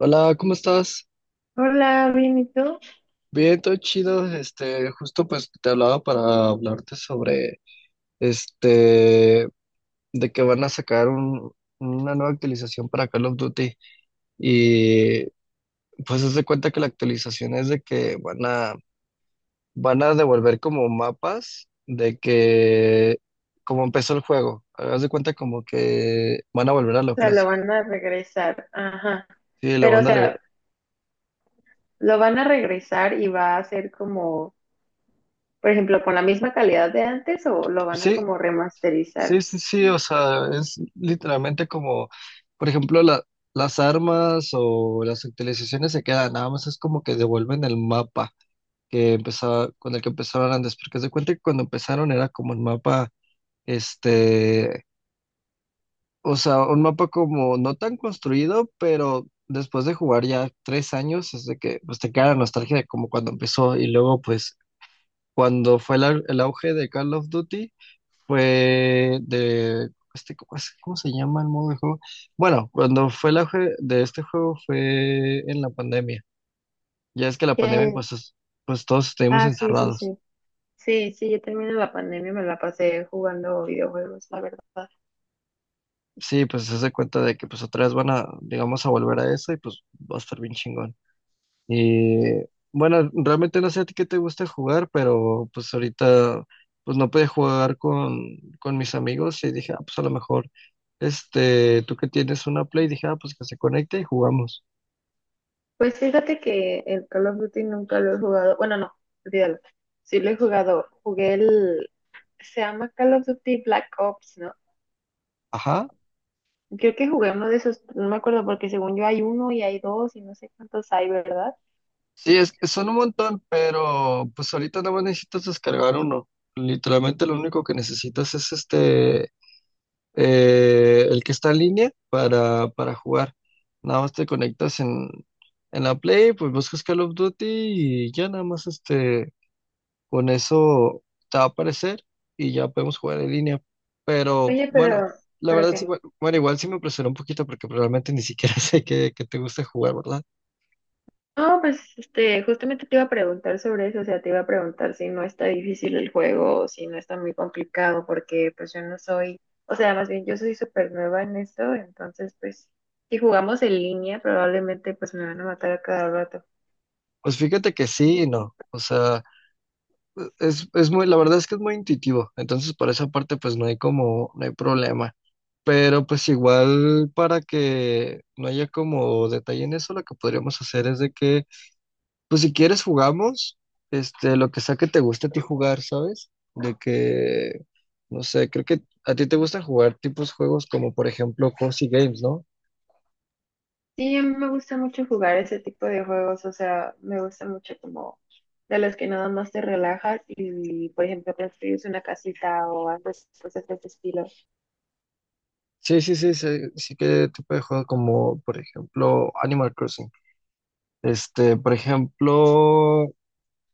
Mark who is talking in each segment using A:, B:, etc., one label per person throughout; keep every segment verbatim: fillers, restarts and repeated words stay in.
A: Hola, ¿cómo estás?
B: Hola, bien, ¿y tú? O
A: Bien, todo chido. Este, justo pues te hablaba para hablarte sobre este de que van a sacar un- una nueva actualización para Call of Duty, y pues haz de cuenta que la actualización es de que van a van a devolver como mapas de que como empezó el juego. Haz de cuenta como que van a volver a lo
B: sea, lo
A: clásico.
B: van a regresar, ajá.
A: Sí, le
B: Pero, o
A: van a
B: sea,
A: reg-
B: ¿lo van a regresar y va a ser como, por ejemplo, con la misma calidad de antes o lo van a
A: sí,
B: como remasterizar?
A: sí, sí, sí, o sea, es literalmente como, por ejemplo, la- las armas o las actualizaciones se quedan, nada más es como que devuelven el mapa que empezaba, con el que empezaron antes, porque se cuenta que cuando empezaron era como un mapa, este, o sea, un mapa como no tan construido, pero después de jugar ya tres años, es de que pues, te queda la nostalgia de como cuando empezó y luego pues cuando fue el au- el auge de Call of Duty, fue de, este, ¿cómo es- cómo se llama el modo de juego? Bueno, cuando fue la auge de este juego fue en la pandemia. Ya es que la pandemia,
B: Que-
A: pues, es- pues todos estuvimos
B: Ah, sí, sí,
A: encerrados.
B: sí. Sí, sí, yo también en la pandemia me la pasé jugando videojuegos, la verdad.
A: Sí, pues se hace cuenta de que pues otra vez van a, digamos, a volver a eso, y pues va a estar bien chingón. Y bueno, realmente no sé a ti qué te gusta jugar, pero pues ahorita pues no pude jugar con, con mis amigos y dije, ah, pues a lo mejor, este, tú que tienes una Play, dije, ah, pues que se conecte y jugamos.
B: Pues fíjate que el Call of Duty nunca lo he jugado. Bueno, no, olvídalo. Sí lo he jugado. Jugué el, se llama Call of Duty Black Ops, ¿no?
A: Ajá.
B: Creo que jugué uno de esos, no me acuerdo porque según yo hay uno y hay dos y no sé cuántos hay, ¿verdad?
A: Sí, es que son un montón, pero pues ahorita nada más necesitas descargar uno. Literalmente lo único que necesitas es este, eh, el que está en línea para, para jugar. Nada más te conectas en, en la Play, pues buscas Call of Duty y ya nada más este, con eso te va a aparecer y ya podemos jugar en línea. Pero
B: Oye,
A: bueno,
B: pero,
A: la
B: ¿pero
A: verdad sí,
B: qué?
A: bueno, bueno, igual sí me impresionó un poquito porque realmente ni siquiera sé que, que te gusta jugar, ¿verdad?
B: No, pues este, justamente te iba a preguntar sobre eso, o sea, te iba a preguntar si no está difícil el juego, o si no está muy complicado, porque pues yo no soy, o sea, más bien yo soy súper nueva en esto, entonces pues si jugamos en línea probablemente pues me van a matar a cada rato.
A: Pues fíjate que sí y no. O sea, es, es muy, la verdad es que es muy intuitivo. Entonces, por esa parte, pues no hay como, no hay problema. Pero pues igual para que no haya como detalle en eso, lo que podríamos hacer es de que, pues si quieres jugamos, este, lo que sea que te guste a ti jugar, ¿sabes? De que, no sé, creo que a ti te gusta jugar tipos juegos como por ejemplo Cozy Games, ¿no?
B: Sí, a mí me gusta mucho jugar ese tipo de juegos, o sea, me gusta mucho como de los que nada más te relajas y, por ejemplo, construyes una casita o haces cosas de ese estilo.
A: Sí, sí, sí, sí, sí, que tipo de juego como por ejemplo Animal Crossing. Este, por ejemplo,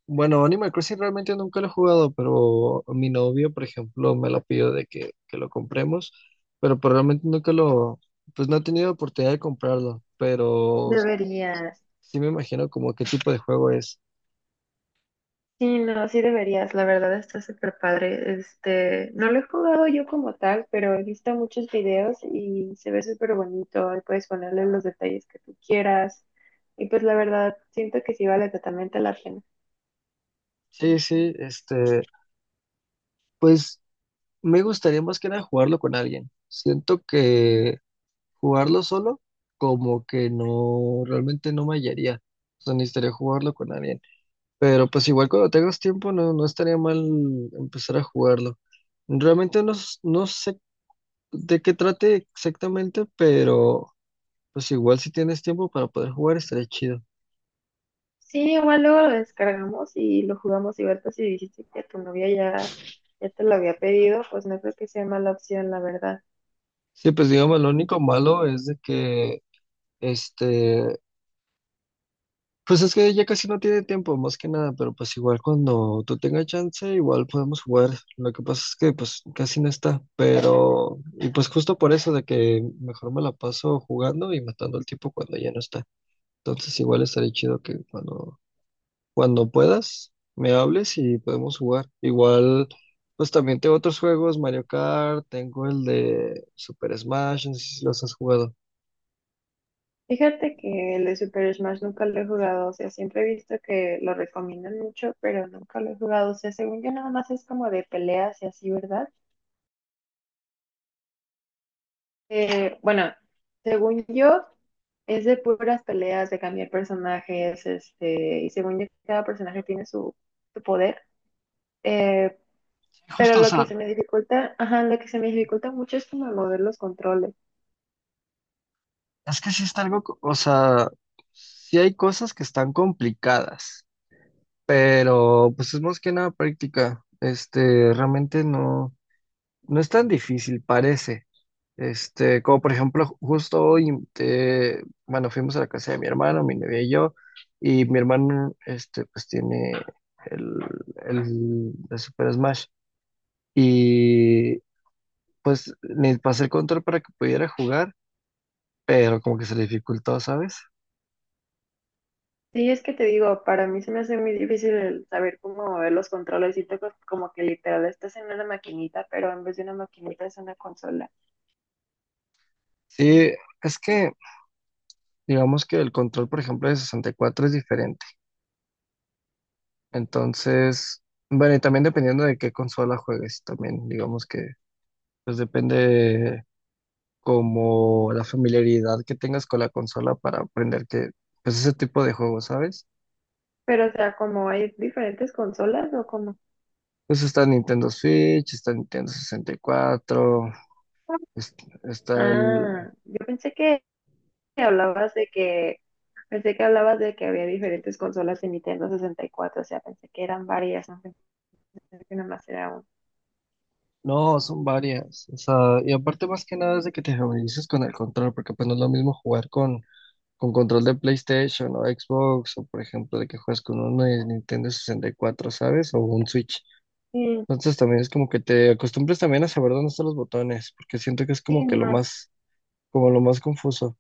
A: bueno, Animal Crossing realmente nunca lo he jugado, pero mi novio, por ejemplo, me lo pidió de que, que lo compremos, pero, pues, realmente nunca lo, pues no he tenido oportunidad de comprarlo, pero
B: Deberías.
A: sí me imagino como qué tipo de juego es.
B: Sí, no, sí deberías, la verdad está súper padre. Este, no lo he jugado yo como tal, pero he visto muchos videos y se ve súper bonito y puedes ponerle los detalles que tú quieras. Y pues la verdad, siento que sí vale totalmente la pena.
A: Sí, sí, este, pues me gustaría más que nada jugarlo con alguien. Siento que jugarlo solo como que no, realmente no me hallaría, o sea, necesitaría jugarlo con alguien. Pero pues igual cuando tengas tiempo no, no estaría mal empezar a jugarlo. Realmente no, s- no sé de qué trate exactamente, pero pues igual si tienes tiempo para poder jugar estaría chido.
B: Sí, igual luego lo descargamos y lo jugamos y ahorita si dijiste que tu novia ya, ya te lo había pedido, pues no creo que sea mala opción, la verdad.
A: Sí, pues digamos, lo único malo es de que, este, pues es que ya casi no tiene tiempo, más que nada, pero pues igual cuando tú tengas chance, igual podemos jugar. Lo que pasa es que pues casi no está, pero, y pues justo por eso de que mejor me la paso jugando y matando el tiempo cuando ya no está. Entonces igual estaría chido que cuando, cuando puedas me hables y podemos jugar. Igual, pues también tengo otros juegos, Mario Kart, tengo el de Super Smash, no sé si los has jugado.
B: Fíjate que el de Super Smash nunca lo he jugado, o sea, siempre he visto que lo recomiendan mucho, pero nunca lo he jugado, o sea, según yo nada más es como de peleas y así, ¿verdad? Eh, bueno, según yo es de puras peleas, de cambiar personajes, este, y según yo cada personaje tiene su, su poder. Eh,
A: Sí,
B: Pero
A: justo, o
B: lo
A: sea,
B: que se me dificulta, ajá, lo que se me dificulta mucho es como mover los controles.
A: es que sí está algo, co- o sea, sí hay cosas que están complicadas, pero pues es más que nada práctica. Este, realmente no, no es tan difícil, parece. Este, como por ejemplo, justo hoy, te- bueno, fuimos a la casa de mi hermano, mi novia y yo, y mi hermano, este, pues tiene el, el, el Super Smash, y pues le pasé el control para que pudiera jugar, pero como que se le dificultó, ¿sabes?
B: Sí, es que te digo, para mí se me hace muy difícil el saber cómo mover los controles. Siento que como que literal estás en una maquinita, pero en vez de una maquinita es una consola.
A: Sí, es que, digamos que el control, por ejemplo, de sesenta y cuatro es diferente, entonces, bueno, y también dependiendo de qué consola juegues, también, digamos que, pues depende como la familiaridad que tengas con la consola para aprender que, pues ese tipo de juegos, ¿sabes?
B: Pero o sea, como hay diferentes consolas o como...
A: Pues está Nintendo Switch, está Nintendo sesenta y cuatro, es- está el.
B: Ah, yo pensé que hablabas de que pensé que hablabas de que había diferentes consolas en Nintendo sesenta y cuatro, o sea, pensé que eran varias, no pensé que nomás era una.
A: No, son varias. O sea, y aparte más que nada es de que te familiarices con el control, porque pues no es lo mismo jugar con, con control de PlayStation o Xbox, o por ejemplo de que juegas con uno de Nintendo sesenta y cuatro, ¿sabes? O un Switch.
B: Sí,
A: Entonces también es como que te acostumbres también a saber dónde están los botones, porque siento que es
B: sí,
A: como que lo
B: no.
A: más como lo más confuso.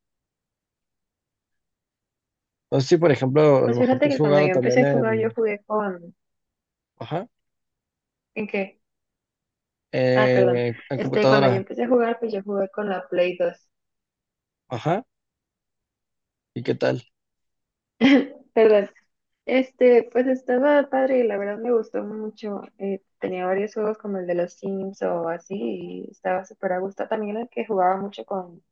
A: No sé si, por ejemplo, a lo
B: Pues
A: mejor tú
B: fíjate
A: has
B: que cuando
A: jugado
B: yo empecé
A: también
B: a jugar, yo
A: en,
B: jugué con...
A: ajá,
B: ¿En qué? Ah, perdón.
A: eh, en
B: Este, cuando yo
A: computadora,
B: empecé a jugar, pues yo jugué con la Play dos.
A: ajá, ¿y qué tal?
B: Perdón. Este, pues estaba padre, la verdad me gustó mucho. Eh, tenía varios juegos como el de los Sims o así, y estaba súper a gusto. También el que jugaba mucho con,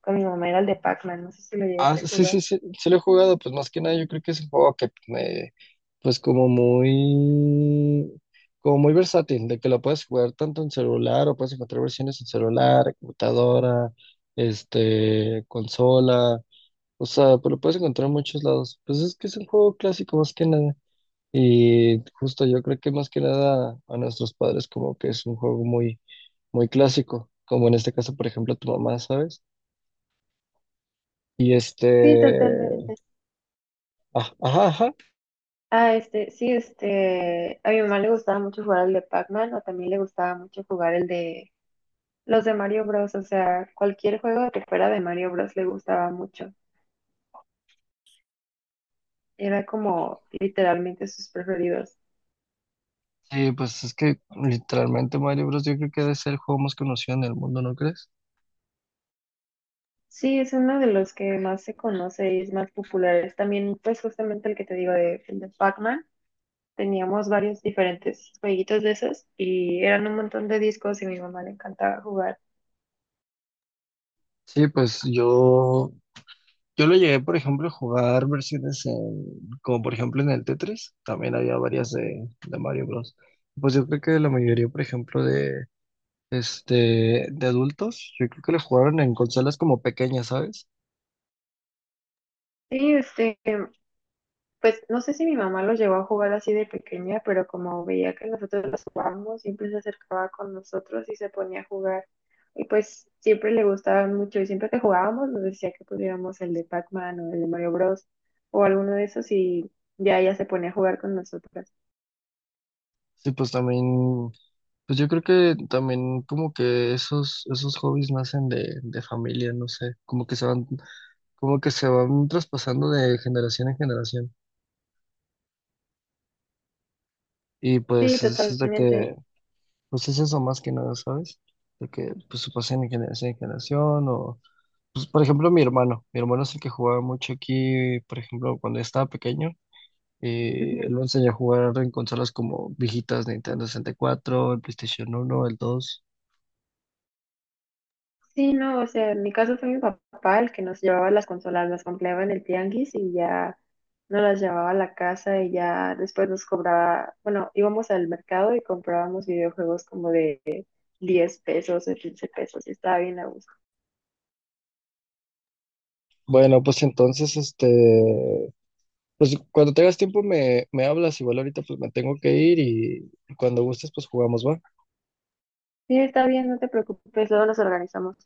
B: con mi mamá era el de Pac-Man, no sé si lo
A: Ah,
B: llegaste a
A: sí,
B: jugar.
A: sí, sí, sí lo he jugado, pues más que nada yo creo que es un juego que me, pues como muy, como muy versátil, de que lo puedes jugar tanto en celular o puedes encontrar versiones en celular, en computadora, este, consola, o sea, pues lo puedes encontrar en muchos lados. Pues es que es un juego clásico más que nada. Y justo yo creo que más que nada a nuestros padres como que es un juego muy, muy clásico, como en este caso, por ejemplo, tu mamá, ¿sabes? Y
B: Sí,
A: este,
B: totalmente.
A: ah, ajá, ajá.
B: Ah, este, sí, este, a mi mamá le gustaba mucho jugar el de Pac-Man o también le gustaba mucho jugar el de Los de Mario Bros, o sea, cualquier juego que fuera de Mario Bros le gustaba mucho. Era como literalmente sus preferidos.
A: Sí, pues es que literalmente Mario Bros. Yo creo que debe ser el juego más conocido en el mundo, ¿no crees?
B: Sí, es uno de los que más se conoce y es más popular. Es también, pues justamente el que te digo de, el de Pac-Man. Teníamos varios diferentes jueguitos de esos y eran un montón de discos y a mi mamá le encantaba jugar.
A: Sí, pues yo, yo, lo llegué, por ejemplo, a jugar versiones en, como por ejemplo en el Tetris, también había varias de, de Mario Bros. Pues yo creo que la mayoría, por ejemplo, de, Este, de adultos, yo creo que lo jugaron en consolas como pequeñas, ¿sabes?
B: Sí, este, pues no sé si mi mamá los llevó a jugar así de pequeña, pero como veía que nosotros los jugábamos, siempre se acercaba con nosotros y se ponía a jugar. Y pues siempre le gustaban mucho y siempre que jugábamos nos decía que pudiéramos el de Pac-Man o el de Mario Bros. O alguno de esos y ya ella se ponía a jugar con nosotras.
A: Sí, pues también, pues yo creo que también como que esos, esos hobbies nacen de, de familia, no sé, como que se van, como que se van traspasando de generación en generación. Y
B: Sí,
A: pues es, es de
B: totalmente.
A: que, pues es eso más que nada, ¿sabes? De que pues se pasen de generación en generación o, pues por ejemplo mi hermano, mi hermano es el que jugaba mucho aquí, por ejemplo, cuando yo estaba pequeño. Eh, lo enseñé a jugar en consolas como viejitas, Nintendo sesenta y cuatro, el PlayStation uno, el dos.
B: Sí, no, o sea, en mi caso fue mi papá el que nos llevaba las consolas, las compraba en el tianguis y ya nos las llevaba a la casa y ya después nos cobraba, bueno, íbamos al mercado y comprábamos videojuegos como de diez pesos o quince pesos y estaba bien a gusto.
A: Bueno, pues entonces, este, pues cuando tengas tiempo me, me hablas, igual ahorita pues me tengo que ir y cuando gustes pues jugamos, ¿va?
B: Sí, está bien, no te preocupes, luego nos organizamos.